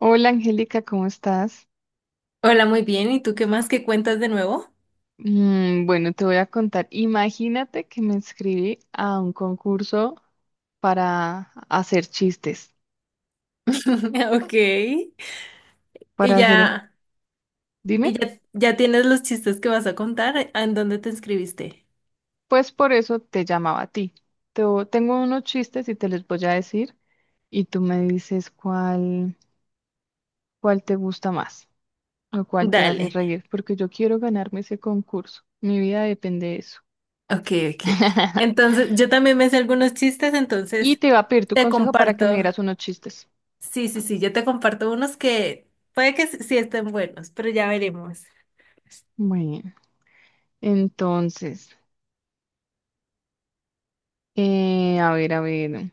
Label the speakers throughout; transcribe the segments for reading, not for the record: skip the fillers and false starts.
Speaker 1: Hola, Angélica, ¿cómo estás?
Speaker 2: Hola, muy bien. ¿Y tú qué más que cuentas de nuevo?
Speaker 1: Bueno, te voy a contar. Imagínate que me inscribí a un concurso para hacer chistes,
Speaker 2: Ok. Y
Speaker 1: para hacer un...
Speaker 2: ya,
Speaker 1: Dime,
Speaker 2: y ya, ya tienes los chistes que vas a contar. ¿En dónde te inscribiste?
Speaker 1: pues por eso te llamaba a ti. Tengo unos chistes y te los voy a decir y tú me dices cuál, cuál te gusta más o cuál te hace
Speaker 2: Dale.
Speaker 1: reír, porque yo quiero ganarme ese concurso. Mi vida depende de eso.
Speaker 2: Ok. Entonces, yo también me sé algunos chistes,
Speaker 1: Y
Speaker 2: entonces
Speaker 1: te iba a pedir tu
Speaker 2: te
Speaker 1: consejo para que me
Speaker 2: comparto.
Speaker 1: dieras unos chistes.
Speaker 2: Sí, yo te comparto unos que puede que s- sí estén buenos, pero ya veremos.
Speaker 1: Bueno, entonces... A ver, a ver.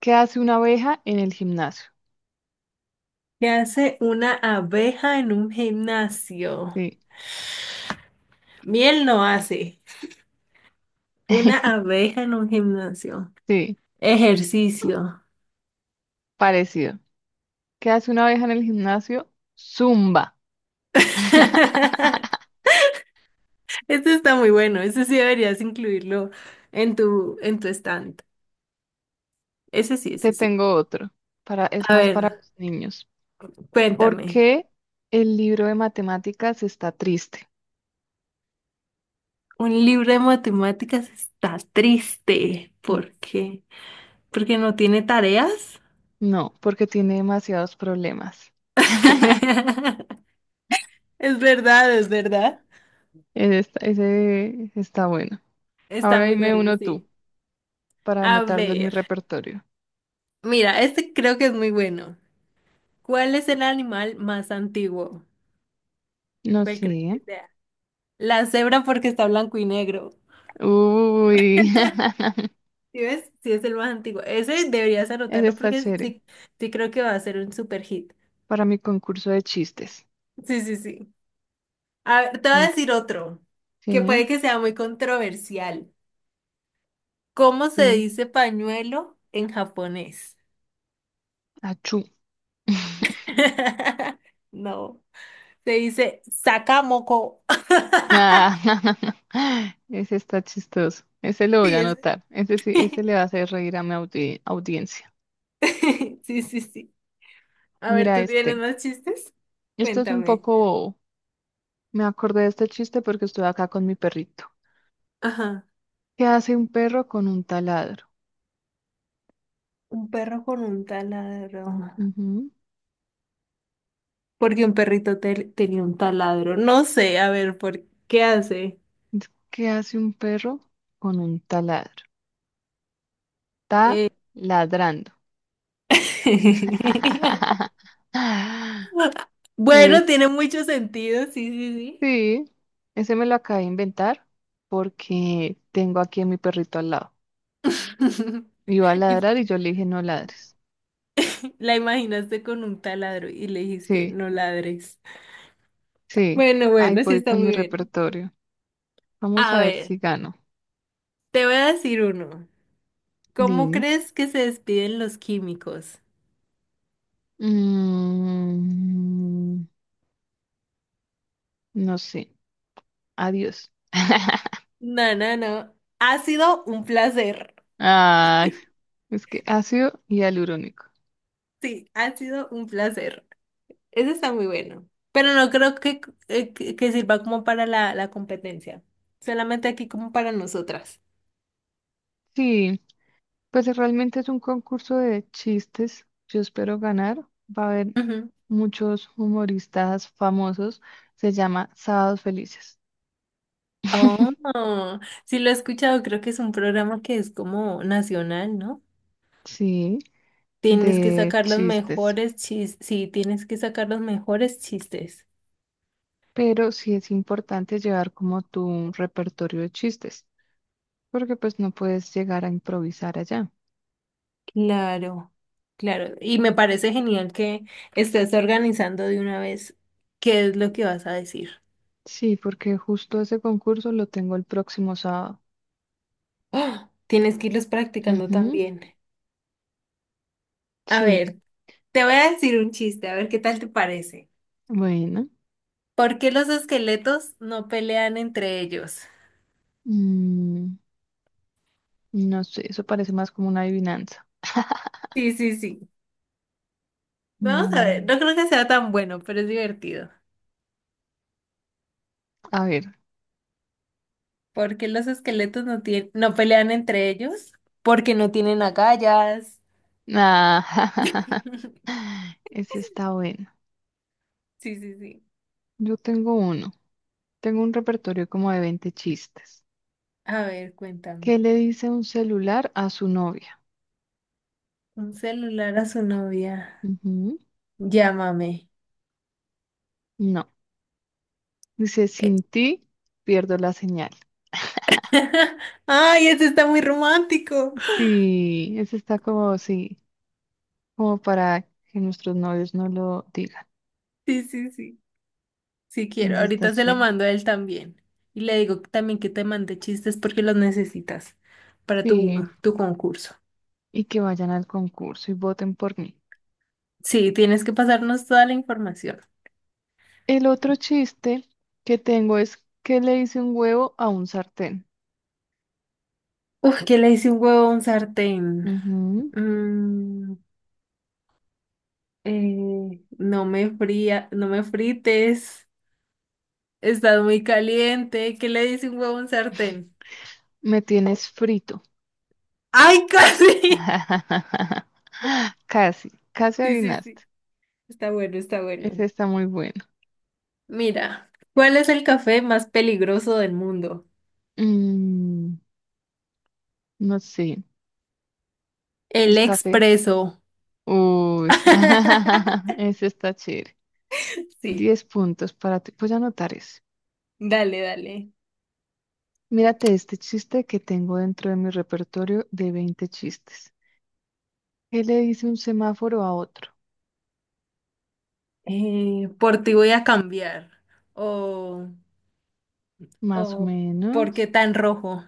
Speaker 1: ¿Qué hace una abeja en el gimnasio?
Speaker 2: ¿Qué hace una abeja en un gimnasio?
Speaker 1: Sí.
Speaker 2: Miel no hace. Una abeja en un gimnasio.
Speaker 1: Sí,
Speaker 2: Ejercicio.
Speaker 1: parecido. ¿Qué hace una abeja en el gimnasio? Zumba.
Speaker 2: Este está muy bueno, ese sí deberías incluirlo en tu stand. Ese sí,
Speaker 1: Te
Speaker 2: ese sí.
Speaker 1: tengo otro. Para, es
Speaker 2: A
Speaker 1: más para
Speaker 2: ver,
Speaker 1: los niños. ¿Por
Speaker 2: cuéntame,
Speaker 1: qué el libro de matemáticas está triste?
Speaker 2: un libro de matemáticas está triste.
Speaker 1: Sí.
Speaker 2: ¿Por qué? ¿Porque no tiene tareas?
Speaker 1: No, porque tiene demasiados problemas.
Speaker 2: Es verdad, es verdad.
Speaker 1: Ese está bueno.
Speaker 2: Está
Speaker 1: Ahora
Speaker 2: muy
Speaker 1: dime
Speaker 2: bueno,
Speaker 1: uno tú,
Speaker 2: sí.
Speaker 1: para
Speaker 2: A
Speaker 1: anotarlo en mi
Speaker 2: ver,
Speaker 1: repertorio.
Speaker 2: mira, este creo que es muy bueno. ¿Cuál es el animal más antiguo?
Speaker 1: No
Speaker 2: ¿Cuál
Speaker 1: sé.
Speaker 2: crees que sea? La cebra porque está blanco y negro.
Speaker 1: Uy.
Speaker 2: ¿Sí ves? Sí, es el más antiguo. Ese deberías
Speaker 1: Ese
Speaker 2: anotarlo
Speaker 1: está
Speaker 2: porque
Speaker 1: chévere,
Speaker 2: sí, sí creo que va a ser un super hit.
Speaker 1: para mi concurso de chistes.
Speaker 2: Sí. A ver, te voy a
Speaker 1: Mm,
Speaker 2: decir otro, que
Speaker 1: sí,
Speaker 2: puede que sea muy controversial. ¿Cómo se
Speaker 1: sí.
Speaker 2: dice pañuelo en japonés?
Speaker 1: Achú.
Speaker 2: No, se dice sakamoko.
Speaker 1: Ah. Ese está chistoso. Ese lo voy
Speaker 2: Sí,
Speaker 1: a
Speaker 2: es.
Speaker 1: anotar. Ese sí, ese le va a hacer reír a mi audiencia.
Speaker 2: Sí. A ver,
Speaker 1: Mira
Speaker 2: ¿tú tienes
Speaker 1: este.
Speaker 2: más chistes?
Speaker 1: Esto es un
Speaker 2: Cuéntame.
Speaker 1: poco. Me acordé de este chiste porque estuve acá con mi perrito.
Speaker 2: Ajá.
Speaker 1: ¿Qué hace un perro con un taladro?
Speaker 2: Un perro con un taladro.
Speaker 1: Ujú.
Speaker 2: Porque un perrito te- tenía un taladro. No sé, a ver, ¿por qué hace?
Speaker 1: ¿Qué hace un perro con un taladro? Está
Speaker 2: Eh,
Speaker 1: ladrando.
Speaker 2: Bueno,
Speaker 1: Es.
Speaker 2: tiene mucho sentido, sí, sí,
Speaker 1: Sí, ese me lo acabé de inventar porque tengo aquí a mi perrito al lado.
Speaker 2: sí.
Speaker 1: Iba a
Speaker 2: Y
Speaker 1: ladrar y yo le dije no ladres.
Speaker 2: la imaginaste con un taladro y le dijiste,
Speaker 1: Sí,
Speaker 2: no ladres.
Speaker 1: sí,
Speaker 2: Bueno,
Speaker 1: ahí
Speaker 2: bueno, sí
Speaker 1: voy
Speaker 2: está
Speaker 1: con
Speaker 2: muy
Speaker 1: mi
Speaker 2: bien.
Speaker 1: repertorio. Vamos
Speaker 2: A
Speaker 1: a ver
Speaker 2: ver,
Speaker 1: si gano.
Speaker 2: te voy a decir uno. ¿Cómo
Speaker 1: Dime.
Speaker 2: crees que se despiden los químicos?
Speaker 1: Mm, no sé. Adiós.
Speaker 2: No. Ha sido un placer.
Speaker 1: Ay, es que ácido y alurónico.
Speaker 2: Sí, ha sido un placer. Ese está muy bueno. Pero no creo que, que sirva como para la competencia. Solamente aquí como para nosotras.
Speaker 1: Sí. Pues realmente es un concurso de chistes. Yo espero ganar. Va a haber
Speaker 2: Ujú.
Speaker 1: muchos humoristas famosos. Se llama Sábados Felices.
Speaker 2: Oh, sí lo he escuchado. Creo que es un programa que es como nacional, ¿no?
Speaker 1: Sí,
Speaker 2: Tienes que
Speaker 1: de
Speaker 2: sacar los
Speaker 1: chistes.
Speaker 2: mejores chistes. Sí, tienes que sacar los mejores chistes.
Speaker 1: Pero sí es importante llevar como tu repertorio de chistes, porque pues no puedes llegar a improvisar allá.
Speaker 2: Claro, claro. Y me parece genial que estés organizando de una vez qué es lo que vas a decir.
Speaker 1: Sí, porque justo ese concurso lo tengo el próximo sábado.
Speaker 2: ¡Oh! Tienes que irlos practicando
Speaker 1: Ujú,
Speaker 2: también. A
Speaker 1: sí,
Speaker 2: ver. Te voy a decir un chiste, a ver qué tal te parece.
Speaker 1: bueno.
Speaker 2: ¿Por qué los esqueletos no pelean entre ellos?
Speaker 1: mm, no sé, eso parece más como una adivinanza.
Speaker 2: Sí. Vamos a ver,
Speaker 1: Mm,
Speaker 2: no creo que sea tan bueno, pero es divertido.
Speaker 1: a ver.
Speaker 2: ¿Por qué los esqueletos no pelean entre ellos? Porque no tienen agallas.
Speaker 1: Ah. Ese está bueno.
Speaker 2: Sí.
Speaker 1: Yo tengo uno. Tengo un repertorio como de 20 chistes.
Speaker 2: A ver, cuéntame.
Speaker 1: ¿Qué le dice un celular a su novia?
Speaker 2: Un celular a su novia.
Speaker 1: Ujú.
Speaker 2: Llámame.
Speaker 1: No. Dice,
Speaker 2: Eh,
Speaker 1: sin ti pierdo la señal.
Speaker 2: Ay, ese está muy romántico.
Speaker 1: Sí, ese está como, sí, como para que nuestros novios no lo digan.
Speaker 2: Sí. Si quiero,
Speaker 1: Ese está
Speaker 2: ahorita se lo
Speaker 1: chévere.
Speaker 2: mando a él también. Y le digo también que te mande chistes porque los necesitas para tu,
Speaker 1: Sí,
Speaker 2: tu concurso.
Speaker 1: y que vayan al concurso y voten por mí.
Speaker 2: Sí, tienes que pasarnos toda la información.
Speaker 1: El otro chiste que tengo es, ¿qué le dice un huevo a un sartén?
Speaker 2: Uf, que le hice un huevo a un sartén.
Speaker 1: Ujú.
Speaker 2: Mm, no me frites. Estás muy caliente. ¿Qué le dice un huevo a un sartén?
Speaker 1: Me tienes frito.
Speaker 2: ¡Ay, casi!
Speaker 1: Casi, casi
Speaker 2: Sí, sí,
Speaker 1: adivinaste.
Speaker 2: sí. Está bueno, está bueno.
Speaker 1: Ese está muy bueno.
Speaker 2: Mira, ¿cuál es el café más peligroso del mundo?
Speaker 1: Mm, no sé,
Speaker 2: El
Speaker 1: el café.
Speaker 2: expreso.
Speaker 1: Uy. Ese está chévere.
Speaker 2: Sí,
Speaker 1: 10 puntos para ti. Voy a anotar ese.
Speaker 2: dale.
Speaker 1: Mírate este chiste que tengo dentro de mi repertorio de 20 chistes. ¿Qué le dice un semáforo a otro?
Speaker 2: Por ti voy a cambiar. O,
Speaker 1: Más o
Speaker 2: o, ¿por qué
Speaker 1: menos,
Speaker 2: tan rojo?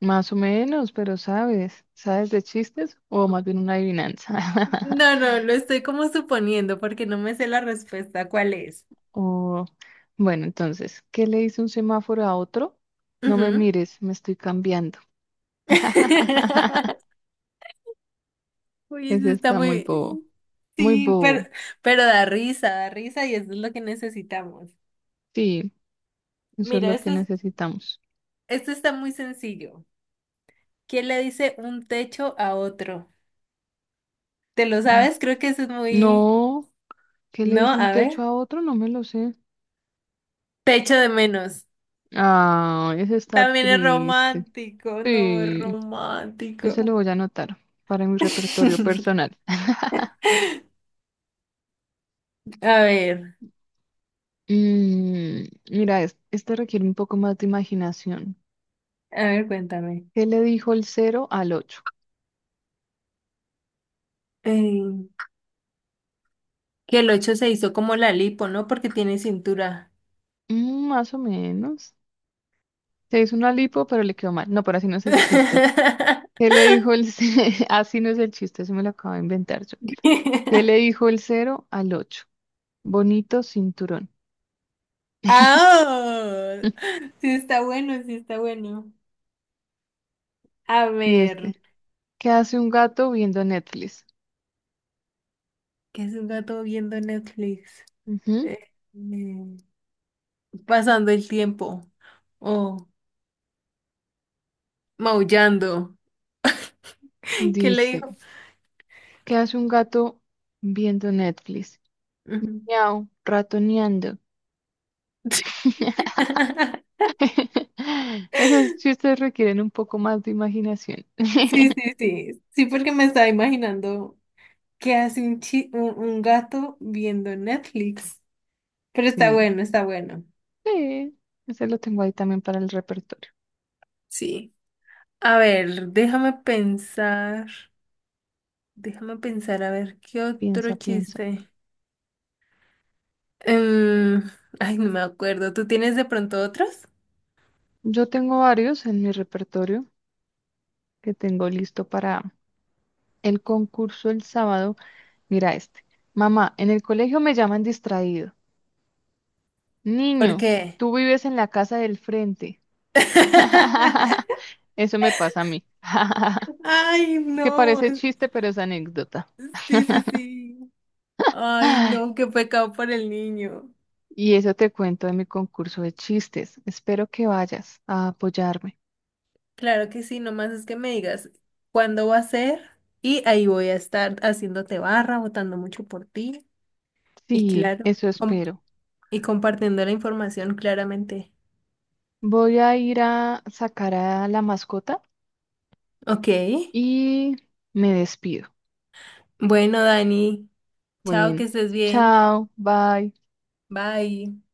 Speaker 1: más o menos, pero sabes, ¿sabes de chistes o más bien una adivinanza?
Speaker 2: No, lo estoy como suponiendo porque no me sé la respuesta. ¿Cuál es?
Speaker 1: O bueno, entonces, ¿qué le dice un semáforo a otro? No me
Speaker 2: Ujú.
Speaker 1: mires, me estoy cambiando.
Speaker 2: Uy,
Speaker 1: Ese
Speaker 2: eso está
Speaker 1: está muy
Speaker 2: muy...
Speaker 1: bobo, muy
Speaker 2: Sí,
Speaker 1: bobo.
Speaker 2: pero da risa y eso es lo que necesitamos.
Speaker 1: Sí, eso es
Speaker 2: Mira,
Speaker 1: lo que necesitamos.
Speaker 2: esto está muy sencillo. ¿Quién le dice un techo a otro? ¿Te lo
Speaker 1: Mm.
Speaker 2: sabes? Creo que eso es muy...
Speaker 1: No, ¿qué le
Speaker 2: No,
Speaker 1: dice un
Speaker 2: a
Speaker 1: techo
Speaker 2: ver.
Speaker 1: a otro? No me lo sé.
Speaker 2: Te echo de menos.
Speaker 1: Ah, ese está
Speaker 2: También es
Speaker 1: triste.
Speaker 2: romántico, no, es
Speaker 1: Sí, ese lo
Speaker 2: romántico.
Speaker 1: voy a anotar para mi repertorio personal.
Speaker 2: A ver,
Speaker 1: Mm, mira, este requiere un poco más de imaginación.
Speaker 2: cuéntame.
Speaker 1: ¿Qué le dijo el cero al ocho?
Speaker 2: Eh, que el 8 se hizo como la lipo, ¿no? Porque tiene cintura.
Speaker 1: Mm, más o menos. Se hizo una lipo, pero le quedó mal. No, pero así no es el chiste. ¿Qué le dijo el Así no es el chiste, eso me lo acabo de inventar yo. ¿Qué le dijo el cero al ocho? Bonito cinturón.
Speaker 2: ¡Ah! Sí está bueno, sí está bueno. A
Speaker 1: Y este,
Speaker 2: ver,
Speaker 1: ¿qué hace un gato viendo Netflix?
Speaker 2: ¿qué es un gato viendo Netflix?
Speaker 1: Ujú.
Speaker 2: Eh, mm, pasando el tiempo o maullando. ¿Qué le
Speaker 1: Dice,
Speaker 2: dijo?
Speaker 1: ¿qué hace un gato viendo Netflix?
Speaker 2: Ujú.
Speaker 1: Miau, ratoneando. Esos chistes requieren un poco más de imaginación.
Speaker 2: Sí, sí, sí. Sí, porque me estaba imaginando qué hace chi- un gato viendo Netflix. Pero está
Speaker 1: Sí.
Speaker 2: bueno, está bueno.
Speaker 1: Sí, ese lo tengo ahí también para el repertorio.
Speaker 2: Sí. A ver, déjame pensar. Déjame pensar, a ver, ¿qué otro
Speaker 1: Piensa, piensa.
Speaker 2: chiste? Em, ay, no me acuerdo. ¿Tú tienes de pronto otros?
Speaker 1: Yo tengo varios en mi repertorio que tengo listo para el concurso el sábado. Mira este. Mamá, en el colegio me llaman distraído.
Speaker 2: ¿Por
Speaker 1: Niño,
Speaker 2: qué?
Speaker 1: tú vives en la casa del frente. Eso me pasa a mí.
Speaker 2: Ay,
Speaker 1: Que
Speaker 2: no.
Speaker 1: parece chiste, pero es anécdota.
Speaker 2: Sí. Ay,
Speaker 1: Ay,
Speaker 2: no, qué pecado por el niño.
Speaker 1: y eso te cuento de mi concurso de chistes. Espero que vayas a apoyarme.
Speaker 2: Claro que sí, nomás es que me digas cuándo va a ser y ahí voy a estar haciéndote barra, votando mucho por ti y
Speaker 1: Sí,
Speaker 2: claro,
Speaker 1: eso
Speaker 2: com-
Speaker 1: espero.
Speaker 2: y compartiendo la información claramente.
Speaker 1: Voy a ir a sacar a la mascota
Speaker 2: Ok,
Speaker 1: y me despido.
Speaker 2: bueno, Dani, chao,
Speaker 1: Bueno,
Speaker 2: que estés bien.
Speaker 1: chao, bye.
Speaker 2: Bye.